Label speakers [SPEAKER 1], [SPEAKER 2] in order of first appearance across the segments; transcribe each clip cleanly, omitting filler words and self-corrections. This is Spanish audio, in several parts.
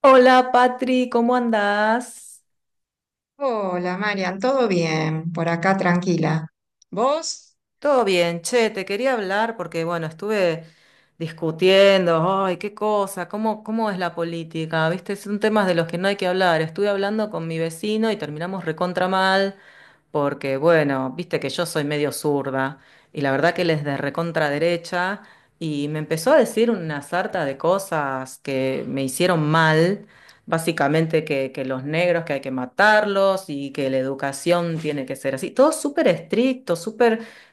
[SPEAKER 1] Hola Patri, ¿cómo andás?
[SPEAKER 2] Hola, Marian, ¿todo bien? Por acá tranquila. ¿Vos?
[SPEAKER 1] Todo bien, che, te quería hablar porque, bueno, estuve discutiendo, ay, qué cosa, cómo es la política, ¿viste? Son temas de los que no hay que hablar. Estuve hablando con mi vecino y terminamos recontra mal porque, bueno, viste que yo soy medio zurda y la verdad que él es de recontra derecha y me empezó a decir una sarta de cosas que me hicieron mal. Básicamente que los negros que hay que matarlos y que la educación tiene que ser así. Todo súper estricto,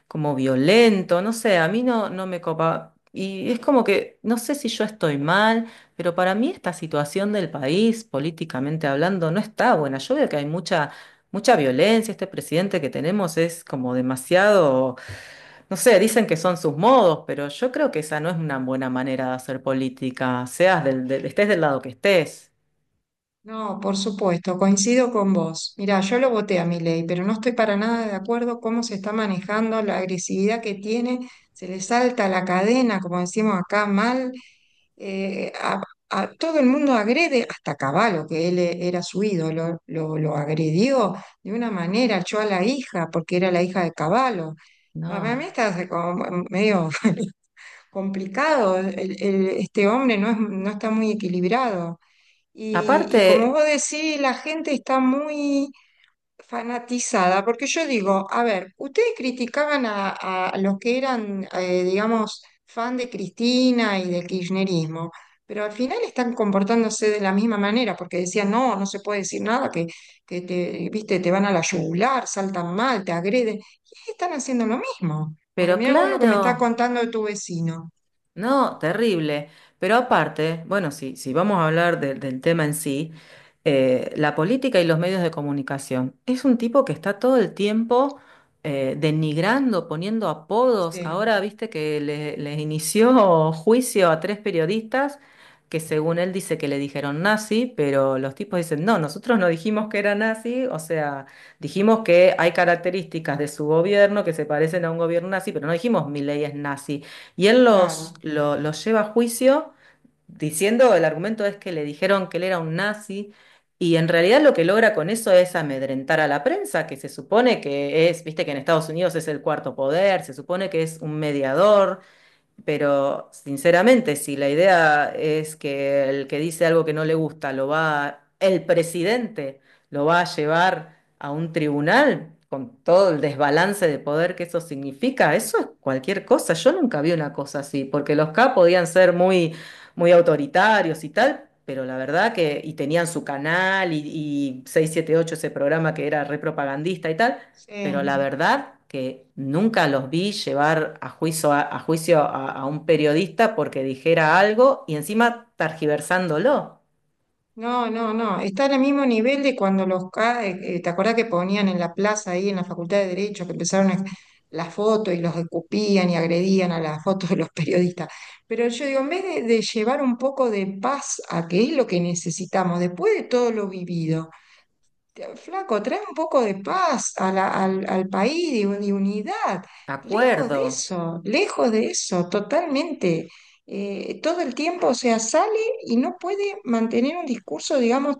[SPEAKER 1] como violento, no sé, a mí no, no me copa. Y es como que, no sé si yo estoy mal, pero para mí esta situación del país, políticamente hablando, no está buena. Yo veo que hay mucha violencia, este presidente que tenemos es como demasiado, no sé, dicen que son sus modos, pero yo creo que esa no es una buena manera de hacer política, seas estés del lado que estés.
[SPEAKER 2] No, por supuesto, coincido con vos. Mirá, yo lo voté a mi ley, pero no estoy para nada de acuerdo cómo se está manejando, la agresividad que tiene, se le salta la cadena, como decimos acá, mal. eh, a, a todo el mundo agrede, hasta Caballo, que él era su ídolo, lo agredió de una manera, echó a la hija, porque era la hija de Caballo. Para mí
[SPEAKER 1] No.
[SPEAKER 2] está como medio complicado. Este hombre no está muy equilibrado. Y
[SPEAKER 1] Aparte,
[SPEAKER 2] como vos decís, la gente está muy fanatizada, porque yo digo, a ver, ustedes criticaban a los que eran, digamos, fan de Cristina y del kirchnerismo, pero al final están comportándose de la misma manera, porque decían, no, no se puede decir nada, que te, viste, te van a la yugular, saltan mal, te agreden, y están haciendo lo mismo, porque
[SPEAKER 1] pero
[SPEAKER 2] mirá vos lo que me está
[SPEAKER 1] claro.
[SPEAKER 2] contando de tu vecino.
[SPEAKER 1] No, terrible. Pero aparte, bueno, si vamos a hablar del tema en sí, la política y los medios de comunicación. Es un tipo que está todo el tiempo denigrando, poniendo apodos.
[SPEAKER 2] Sí,
[SPEAKER 1] Ahora viste que le, les inició juicio a tres periodistas que según él dice que le dijeron nazi, pero los tipos dicen, no, nosotros no dijimos que era nazi, o sea, dijimos que hay características de su gobierno que se parecen a un gobierno nazi, pero no dijimos Milei es nazi. Y él
[SPEAKER 2] claro,
[SPEAKER 1] los lleva a juicio diciendo, el argumento es que le dijeron que él era un nazi, y en realidad lo que logra con eso es amedrentar a la prensa, que se supone que es, viste que en Estados Unidos es el cuarto poder, se supone que es un mediador. Pero sinceramente, si la idea es que el que dice algo que no le gusta lo va, el presidente lo va a llevar a un tribunal con todo el desbalance de poder que eso significa, eso es cualquier cosa. Yo nunca vi una cosa así, porque los K podían ser muy, muy autoritarios y tal, pero la verdad que, y tenían su canal y 678, ese programa que era repropagandista y tal, pero la
[SPEAKER 2] sí.
[SPEAKER 1] verdad que nunca los vi llevar a juicio a un periodista porque dijera algo y encima targiversándolo.
[SPEAKER 2] No, no, no. Está al mismo nivel de cuando ¿te acordás que ponían en la plaza ahí, en la Facultad de Derecho, que las fotos y los escupían y agredían a las fotos de los periodistas? Pero yo digo, en vez de llevar un poco de paz a que es lo que necesitamos, después de todo lo vivido. Flaco, trae un poco de paz al país, de unidad.
[SPEAKER 1] Acuerdo.
[SPEAKER 2] Lejos de eso, totalmente. Todo el tiempo, o sea, sale y no puede mantener un discurso, digamos,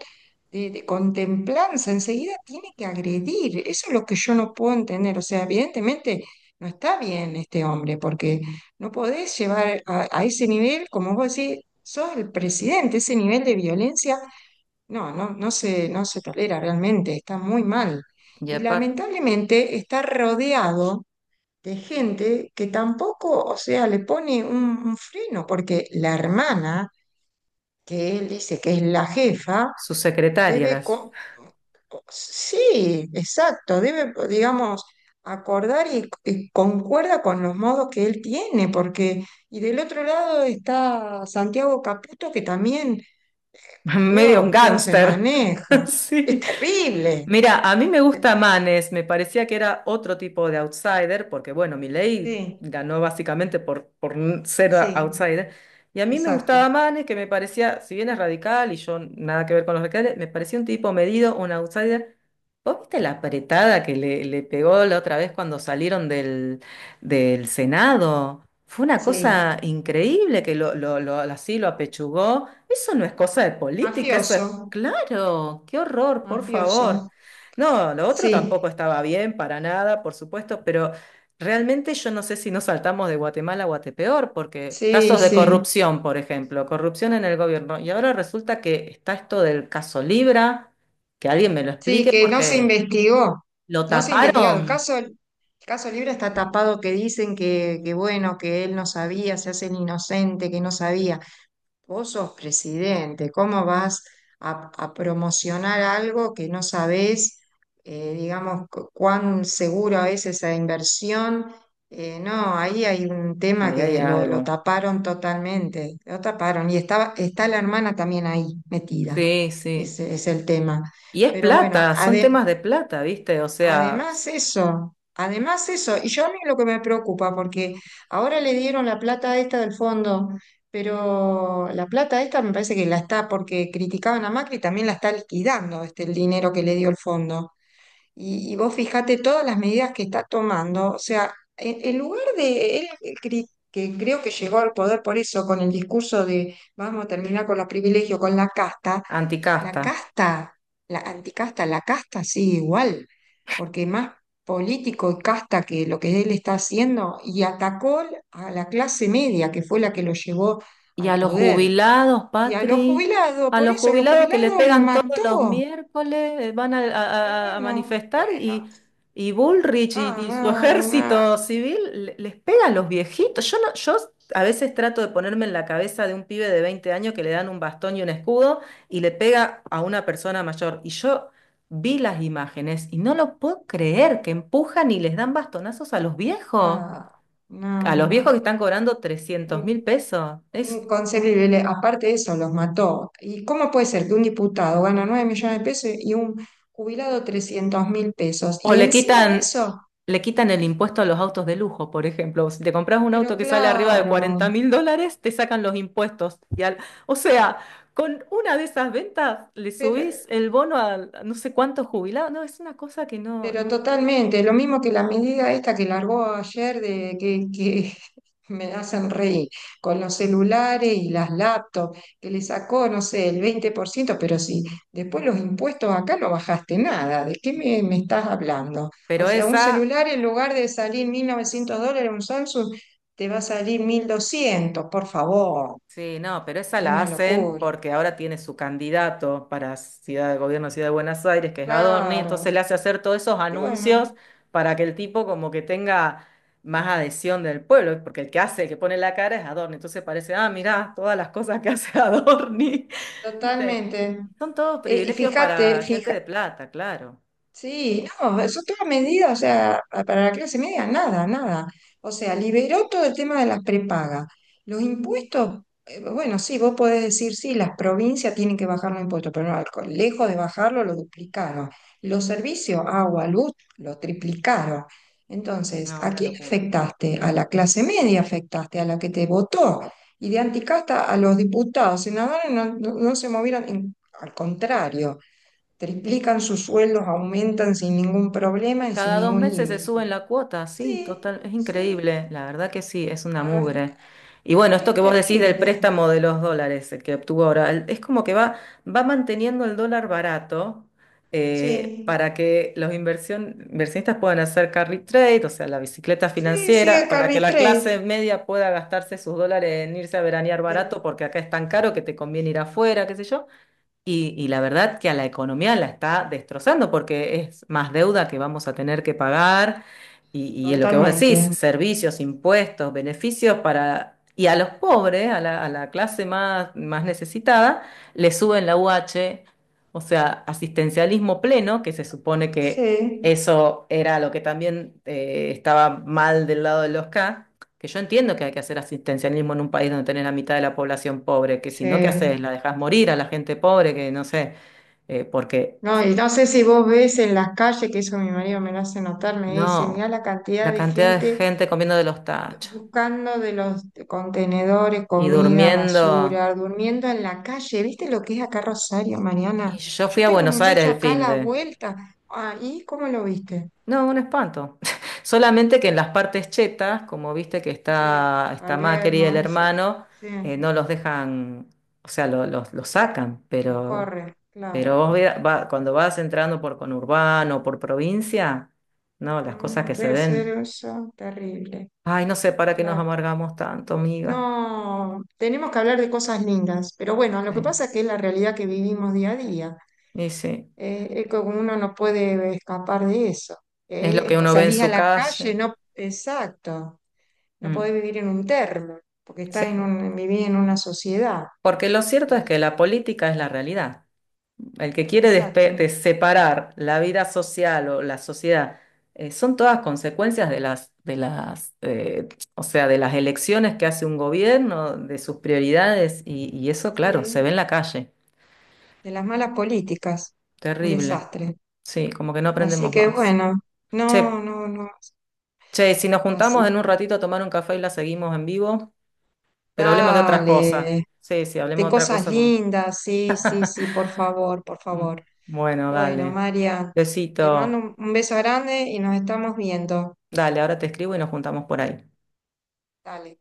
[SPEAKER 2] de contemplanza. Enseguida tiene que agredir. Eso es lo que yo no puedo entender. O sea, evidentemente no está bien este hombre, porque no podés llevar a ese nivel, como vos decís, sos el presidente, ese nivel de violencia no, no, no se tolera realmente, está muy mal.
[SPEAKER 1] Y
[SPEAKER 2] Y
[SPEAKER 1] aparte,
[SPEAKER 2] lamentablemente está rodeado de gente que tampoco, o sea, le pone un freno, porque la hermana, que él dice que es la jefa,
[SPEAKER 1] su secretaria,
[SPEAKER 2] debe,
[SPEAKER 1] las
[SPEAKER 2] co- sí, exacto, debe, digamos, acordar y concuerda con los modos que él tiene, porque, y del otro lado está Santiago Caputo, que también, por
[SPEAKER 1] medio un
[SPEAKER 2] Dios, cómo se
[SPEAKER 1] gángster.
[SPEAKER 2] maneja, es
[SPEAKER 1] Sí.
[SPEAKER 2] terrible.
[SPEAKER 1] Mira, a mí me gusta Manes, me parecía que era otro tipo de outsider, porque bueno, Milei
[SPEAKER 2] Sí,
[SPEAKER 1] ganó básicamente ser
[SPEAKER 2] sí,
[SPEAKER 1] outsider, y a mí me gustaba
[SPEAKER 2] exacto,
[SPEAKER 1] Manes, que me parecía, si bien es radical y yo nada que ver con los radicales, me parecía un tipo medido, un outsider. ¿Vos viste la apretada que le pegó la otra vez cuando salieron del Senado? Fue una
[SPEAKER 2] sí.
[SPEAKER 1] cosa increíble que así lo apechugó. Eso no es cosa de política, eso es
[SPEAKER 2] Mafioso,
[SPEAKER 1] claro. Qué horror, por favor.
[SPEAKER 2] mafioso.
[SPEAKER 1] No, lo otro
[SPEAKER 2] Sí,
[SPEAKER 1] tampoco estaba bien para nada, por supuesto, pero realmente yo no sé si nos saltamos de Guatemala a Guatepeor, porque
[SPEAKER 2] sí,
[SPEAKER 1] casos de
[SPEAKER 2] sí,
[SPEAKER 1] corrupción, por ejemplo, corrupción en el gobierno. Y ahora resulta que está esto del caso Libra. Que alguien me lo
[SPEAKER 2] sí
[SPEAKER 1] explique
[SPEAKER 2] que no se
[SPEAKER 1] porque
[SPEAKER 2] investigó,
[SPEAKER 1] ¿lo
[SPEAKER 2] no se investigaron.
[SPEAKER 1] taparon?
[SPEAKER 2] El caso Libre está tapado que dicen que bueno, que él no sabía, se hace el inocente, que no sabía. Vos sos presidente, ¿cómo vas a promocionar algo que no sabés, digamos, cuán seguro es esa inversión? No, ahí hay un tema
[SPEAKER 1] Ahí hay
[SPEAKER 2] que lo
[SPEAKER 1] algo.
[SPEAKER 2] taparon totalmente, lo taparon. Y estaba, está la hermana también ahí metida,
[SPEAKER 1] Sí, sí.
[SPEAKER 2] ese es el tema.
[SPEAKER 1] Y es
[SPEAKER 2] Pero bueno,
[SPEAKER 1] plata, son
[SPEAKER 2] ade-
[SPEAKER 1] temas de plata, ¿viste? O sea,
[SPEAKER 2] Además eso, y yo a mí lo que me preocupa, porque ahora le dieron la plata esta del fondo, pero la plata esta me parece que la está, porque criticaban a Macri, también la está liquidando este, el dinero que le dio el fondo. Y vos fijate todas las medidas que está tomando, o sea, en lugar de él, que creo que llegó al poder por eso, con el discurso de vamos a terminar con los privilegios, con la casta, la
[SPEAKER 1] anticasta.
[SPEAKER 2] casta, la anticasta, la casta sigue igual, porque más político y casta que lo que él está haciendo, y atacó a la clase media, que fue la que lo llevó
[SPEAKER 1] Y a
[SPEAKER 2] al
[SPEAKER 1] los
[SPEAKER 2] poder,
[SPEAKER 1] jubilados,
[SPEAKER 2] y a los
[SPEAKER 1] Patri,
[SPEAKER 2] jubilados,
[SPEAKER 1] a
[SPEAKER 2] por
[SPEAKER 1] los
[SPEAKER 2] eso los
[SPEAKER 1] jubilados que les
[SPEAKER 2] jubilados lo
[SPEAKER 1] pegan todos los
[SPEAKER 2] mató.
[SPEAKER 1] miércoles, van a, a
[SPEAKER 2] Bueno,
[SPEAKER 1] manifestar
[SPEAKER 2] bueno,
[SPEAKER 1] y Bullrich
[SPEAKER 2] ah,
[SPEAKER 1] y su
[SPEAKER 2] no, no,
[SPEAKER 1] ejército civil les pegan a los viejitos. Yo, no, yo a veces trato de ponerme en la cabeza de un pibe de 20 años que le dan un bastón y un escudo y le pega a una persona mayor. Y yo vi las imágenes y no lo puedo creer que empujan y les dan bastonazos a los viejos.
[SPEAKER 2] no,
[SPEAKER 1] A los viejos
[SPEAKER 2] no,
[SPEAKER 1] que están cobrando 300
[SPEAKER 2] no.
[SPEAKER 1] mil pesos. Es
[SPEAKER 2] Inconcebible. Aparte de eso, los mató. ¿Y cómo puede ser que un diputado gana 9 millones de pesos y un jubilado 300 mil pesos?
[SPEAKER 1] o
[SPEAKER 2] Y encima de eso,
[SPEAKER 1] le quitan el impuesto a los autos de lujo, por ejemplo. Si te compras un
[SPEAKER 2] pero
[SPEAKER 1] auto que sale arriba de
[SPEAKER 2] claro,
[SPEAKER 1] 40 mil dólares, te sacan los impuestos. Y o sea, con una de esas ventas le subís
[SPEAKER 2] pero
[SPEAKER 1] el bono a no sé cuántos jubilados. No, es una cosa que no,
[SPEAKER 2] Pero
[SPEAKER 1] no.
[SPEAKER 2] totalmente, lo mismo que la medida esta que largó ayer de que me hacen reír con los celulares y las laptops, que le sacó, no sé, el 20% pero si después los impuestos acá no bajaste nada, ¿de qué me estás hablando? O
[SPEAKER 1] Pero
[SPEAKER 2] sea, un
[SPEAKER 1] esa
[SPEAKER 2] celular en lugar de salir 1.900 dólares, un Samsung, te va a salir 1.200 por favor,
[SPEAKER 1] sí, no, pero esa
[SPEAKER 2] es
[SPEAKER 1] la
[SPEAKER 2] una
[SPEAKER 1] hacen
[SPEAKER 2] locura.
[SPEAKER 1] porque ahora tiene su candidato para Ciudad de Gobierno de Ciudad de Buenos Aires, que es Adorni, entonces
[SPEAKER 2] Claro,
[SPEAKER 1] le hace hacer todos esos
[SPEAKER 2] y
[SPEAKER 1] anuncios
[SPEAKER 2] bueno,
[SPEAKER 1] para que el tipo como que tenga más adhesión del pueblo, porque el que hace, el que pone la cara es Adorni, entonces parece, ah, mirá, todas las cosas que hace Adorni, ¿viste?
[SPEAKER 2] totalmente.
[SPEAKER 1] Son todos
[SPEAKER 2] Y
[SPEAKER 1] privilegios
[SPEAKER 2] fíjate,
[SPEAKER 1] para gente
[SPEAKER 2] fíjate.
[SPEAKER 1] de plata, claro.
[SPEAKER 2] Sí, no, eso toda medida, o sea, para la clase media, nada, nada. O sea, liberó todo el tema de las prepagas. Los impuestos, bueno, sí, vos podés decir, sí, las provincias tienen que bajar los impuestos, pero no, lejos de bajarlo, lo duplicaron. Los servicios, agua, luz, lo triplicaron. Entonces,
[SPEAKER 1] No,
[SPEAKER 2] ¿a
[SPEAKER 1] una
[SPEAKER 2] quién
[SPEAKER 1] locura.
[SPEAKER 2] afectaste? A la clase media afectaste, a la que te votó. Y de anticasta a los diputados, senadores no, no se movieron, al contrario triplican sus sueldos, aumentan sin ningún problema y sin
[SPEAKER 1] Cada dos
[SPEAKER 2] ningún
[SPEAKER 1] meses se suben
[SPEAKER 2] límite.
[SPEAKER 1] la cuota, sí,
[SPEAKER 2] Sí,
[SPEAKER 1] total, es
[SPEAKER 2] sí,
[SPEAKER 1] increíble, la verdad que sí, es una
[SPEAKER 2] ah,
[SPEAKER 1] mugre. Y bueno, esto que
[SPEAKER 2] es
[SPEAKER 1] vos decís del
[SPEAKER 2] terrible.
[SPEAKER 1] préstamo de los dólares, el que obtuvo ahora, es como que va, va manteniendo el dólar barato
[SPEAKER 2] Sí,
[SPEAKER 1] para que los inversionistas puedan hacer carry trade, o sea, la bicicleta
[SPEAKER 2] sí,
[SPEAKER 1] financiera,
[SPEAKER 2] sigue
[SPEAKER 1] para que
[SPEAKER 2] Carrie
[SPEAKER 1] la
[SPEAKER 2] Trade.
[SPEAKER 1] clase media pueda gastarse sus dólares en irse a veranear barato,
[SPEAKER 2] de-
[SPEAKER 1] porque acá es tan caro que te conviene ir afuera, qué sé yo. Y la verdad que a la economía la está destrozando porque es más deuda que vamos a tener que pagar y es lo que vos decís,
[SPEAKER 2] Totalmente.
[SPEAKER 1] servicios, impuestos, beneficios para... Y a los pobres, a la clase más, más necesitada, le suben la u h, o sea, asistencialismo pleno, que se supone que
[SPEAKER 2] Sí,
[SPEAKER 1] eso era lo que también estaba mal del lado de los K. Que yo entiendo que hay que hacer asistencialismo en un país donde tenés la mitad de la población pobre, que si no, ¿qué haces?
[SPEAKER 2] sí.
[SPEAKER 1] ¿La dejás morir a la gente pobre? Que no sé, porque
[SPEAKER 2] No, y no sé si vos ves en las calles, que eso mi marido me lo hace notar, me dice, mirá
[SPEAKER 1] no,
[SPEAKER 2] la
[SPEAKER 1] la
[SPEAKER 2] cantidad de
[SPEAKER 1] cantidad de
[SPEAKER 2] gente
[SPEAKER 1] gente comiendo de los tachos
[SPEAKER 2] buscando de los contenedores,
[SPEAKER 1] y
[SPEAKER 2] comida,
[SPEAKER 1] durmiendo.
[SPEAKER 2] basura, durmiendo en la calle. ¿Viste lo que es acá Rosario,
[SPEAKER 1] Y
[SPEAKER 2] Mariana?
[SPEAKER 1] yo fui
[SPEAKER 2] Yo
[SPEAKER 1] a
[SPEAKER 2] tengo un
[SPEAKER 1] Buenos Aires
[SPEAKER 2] muchacho
[SPEAKER 1] el
[SPEAKER 2] acá a
[SPEAKER 1] fin
[SPEAKER 2] la
[SPEAKER 1] de...
[SPEAKER 2] vuelta. Ahí, ¿cómo lo viste?
[SPEAKER 1] No, un espanto. Solamente que en las partes chetas, como viste que
[SPEAKER 2] Sí,
[SPEAKER 1] está, está Macri y
[SPEAKER 2] Palermo,
[SPEAKER 1] el
[SPEAKER 2] eso.
[SPEAKER 1] hermano,
[SPEAKER 2] Sí,
[SPEAKER 1] no los dejan, o sea, los sacan,
[SPEAKER 2] los
[SPEAKER 1] pero...
[SPEAKER 2] corre,
[SPEAKER 1] Pero
[SPEAKER 2] claro.
[SPEAKER 1] vos cuando vas entrando por conurbano, por provincia, no, las cosas que
[SPEAKER 2] Mm,
[SPEAKER 1] se
[SPEAKER 2] debe ser
[SPEAKER 1] ven.
[SPEAKER 2] eso, terrible,
[SPEAKER 1] Ay, no sé para qué nos
[SPEAKER 2] claro.
[SPEAKER 1] amargamos tanto, amiga.
[SPEAKER 2] No, tenemos que hablar de cosas lindas, pero bueno, lo que
[SPEAKER 1] Sí.
[SPEAKER 2] pasa es que es la realidad que vivimos día a día.
[SPEAKER 1] Y sí,
[SPEAKER 2] Es que uno no puede escapar de eso.
[SPEAKER 1] es lo que uno ve en
[SPEAKER 2] Salís a
[SPEAKER 1] su
[SPEAKER 2] la calle,
[SPEAKER 1] calle.
[SPEAKER 2] no, exacto, no
[SPEAKER 1] Mm,
[SPEAKER 2] podés vivir en un termo, porque
[SPEAKER 1] sí,
[SPEAKER 2] estás en un, vivís en una sociedad.
[SPEAKER 1] porque lo cierto es que
[SPEAKER 2] y-
[SPEAKER 1] la política es la realidad. El que quiere de
[SPEAKER 2] exacto,
[SPEAKER 1] separar la vida social o la sociedad, son todas consecuencias de o sea, de las elecciones que hace un gobierno, de sus prioridades, y eso, claro, se ve
[SPEAKER 2] sí,
[SPEAKER 1] en la calle.
[SPEAKER 2] de las malas políticas, un
[SPEAKER 1] Terrible.
[SPEAKER 2] desastre.
[SPEAKER 1] Sí, como que no
[SPEAKER 2] Así
[SPEAKER 1] aprendemos
[SPEAKER 2] que
[SPEAKER 1] más.
[SPEAKER 2] bueno, no,
[SPEAKER 1] Che,
[SPEAKER 2] no, no,
[SPEAKER 1] si nos juntamos
[SPEAKER 2] así,
[SPEAKER 1] en un ratito a tomar un café y la seguimos en vivo, pero hablemos de otras cosas.
[SPEAKER 2] dale,
[SPEAKER 1] Sí, sí, hablemos
[SPEAKER 2] de
[SPEAKER 1] de otra
[SPEAKER 2] cosas
[SPEAKER 1] cosa.
[SPEAKER 2] lindas, sí, sí, sí, por favor, por
[SPEAKER 1] Mm.
[SPEAKER 2] favor.
[SPEAKER 1] Bueno,
[SPEAKER 2] Bueno,
[SPEAKER 1] dale.
[SPEAKER 2] María, te mando
[SPEAKER 1] Besito.
[SPEAKER 2] un beso grande y nos estamos viendo.
[SPEAKER 1] Dale, ahora te escribo y nos juntamos por ahí.
[SPEAKER 2] Dale.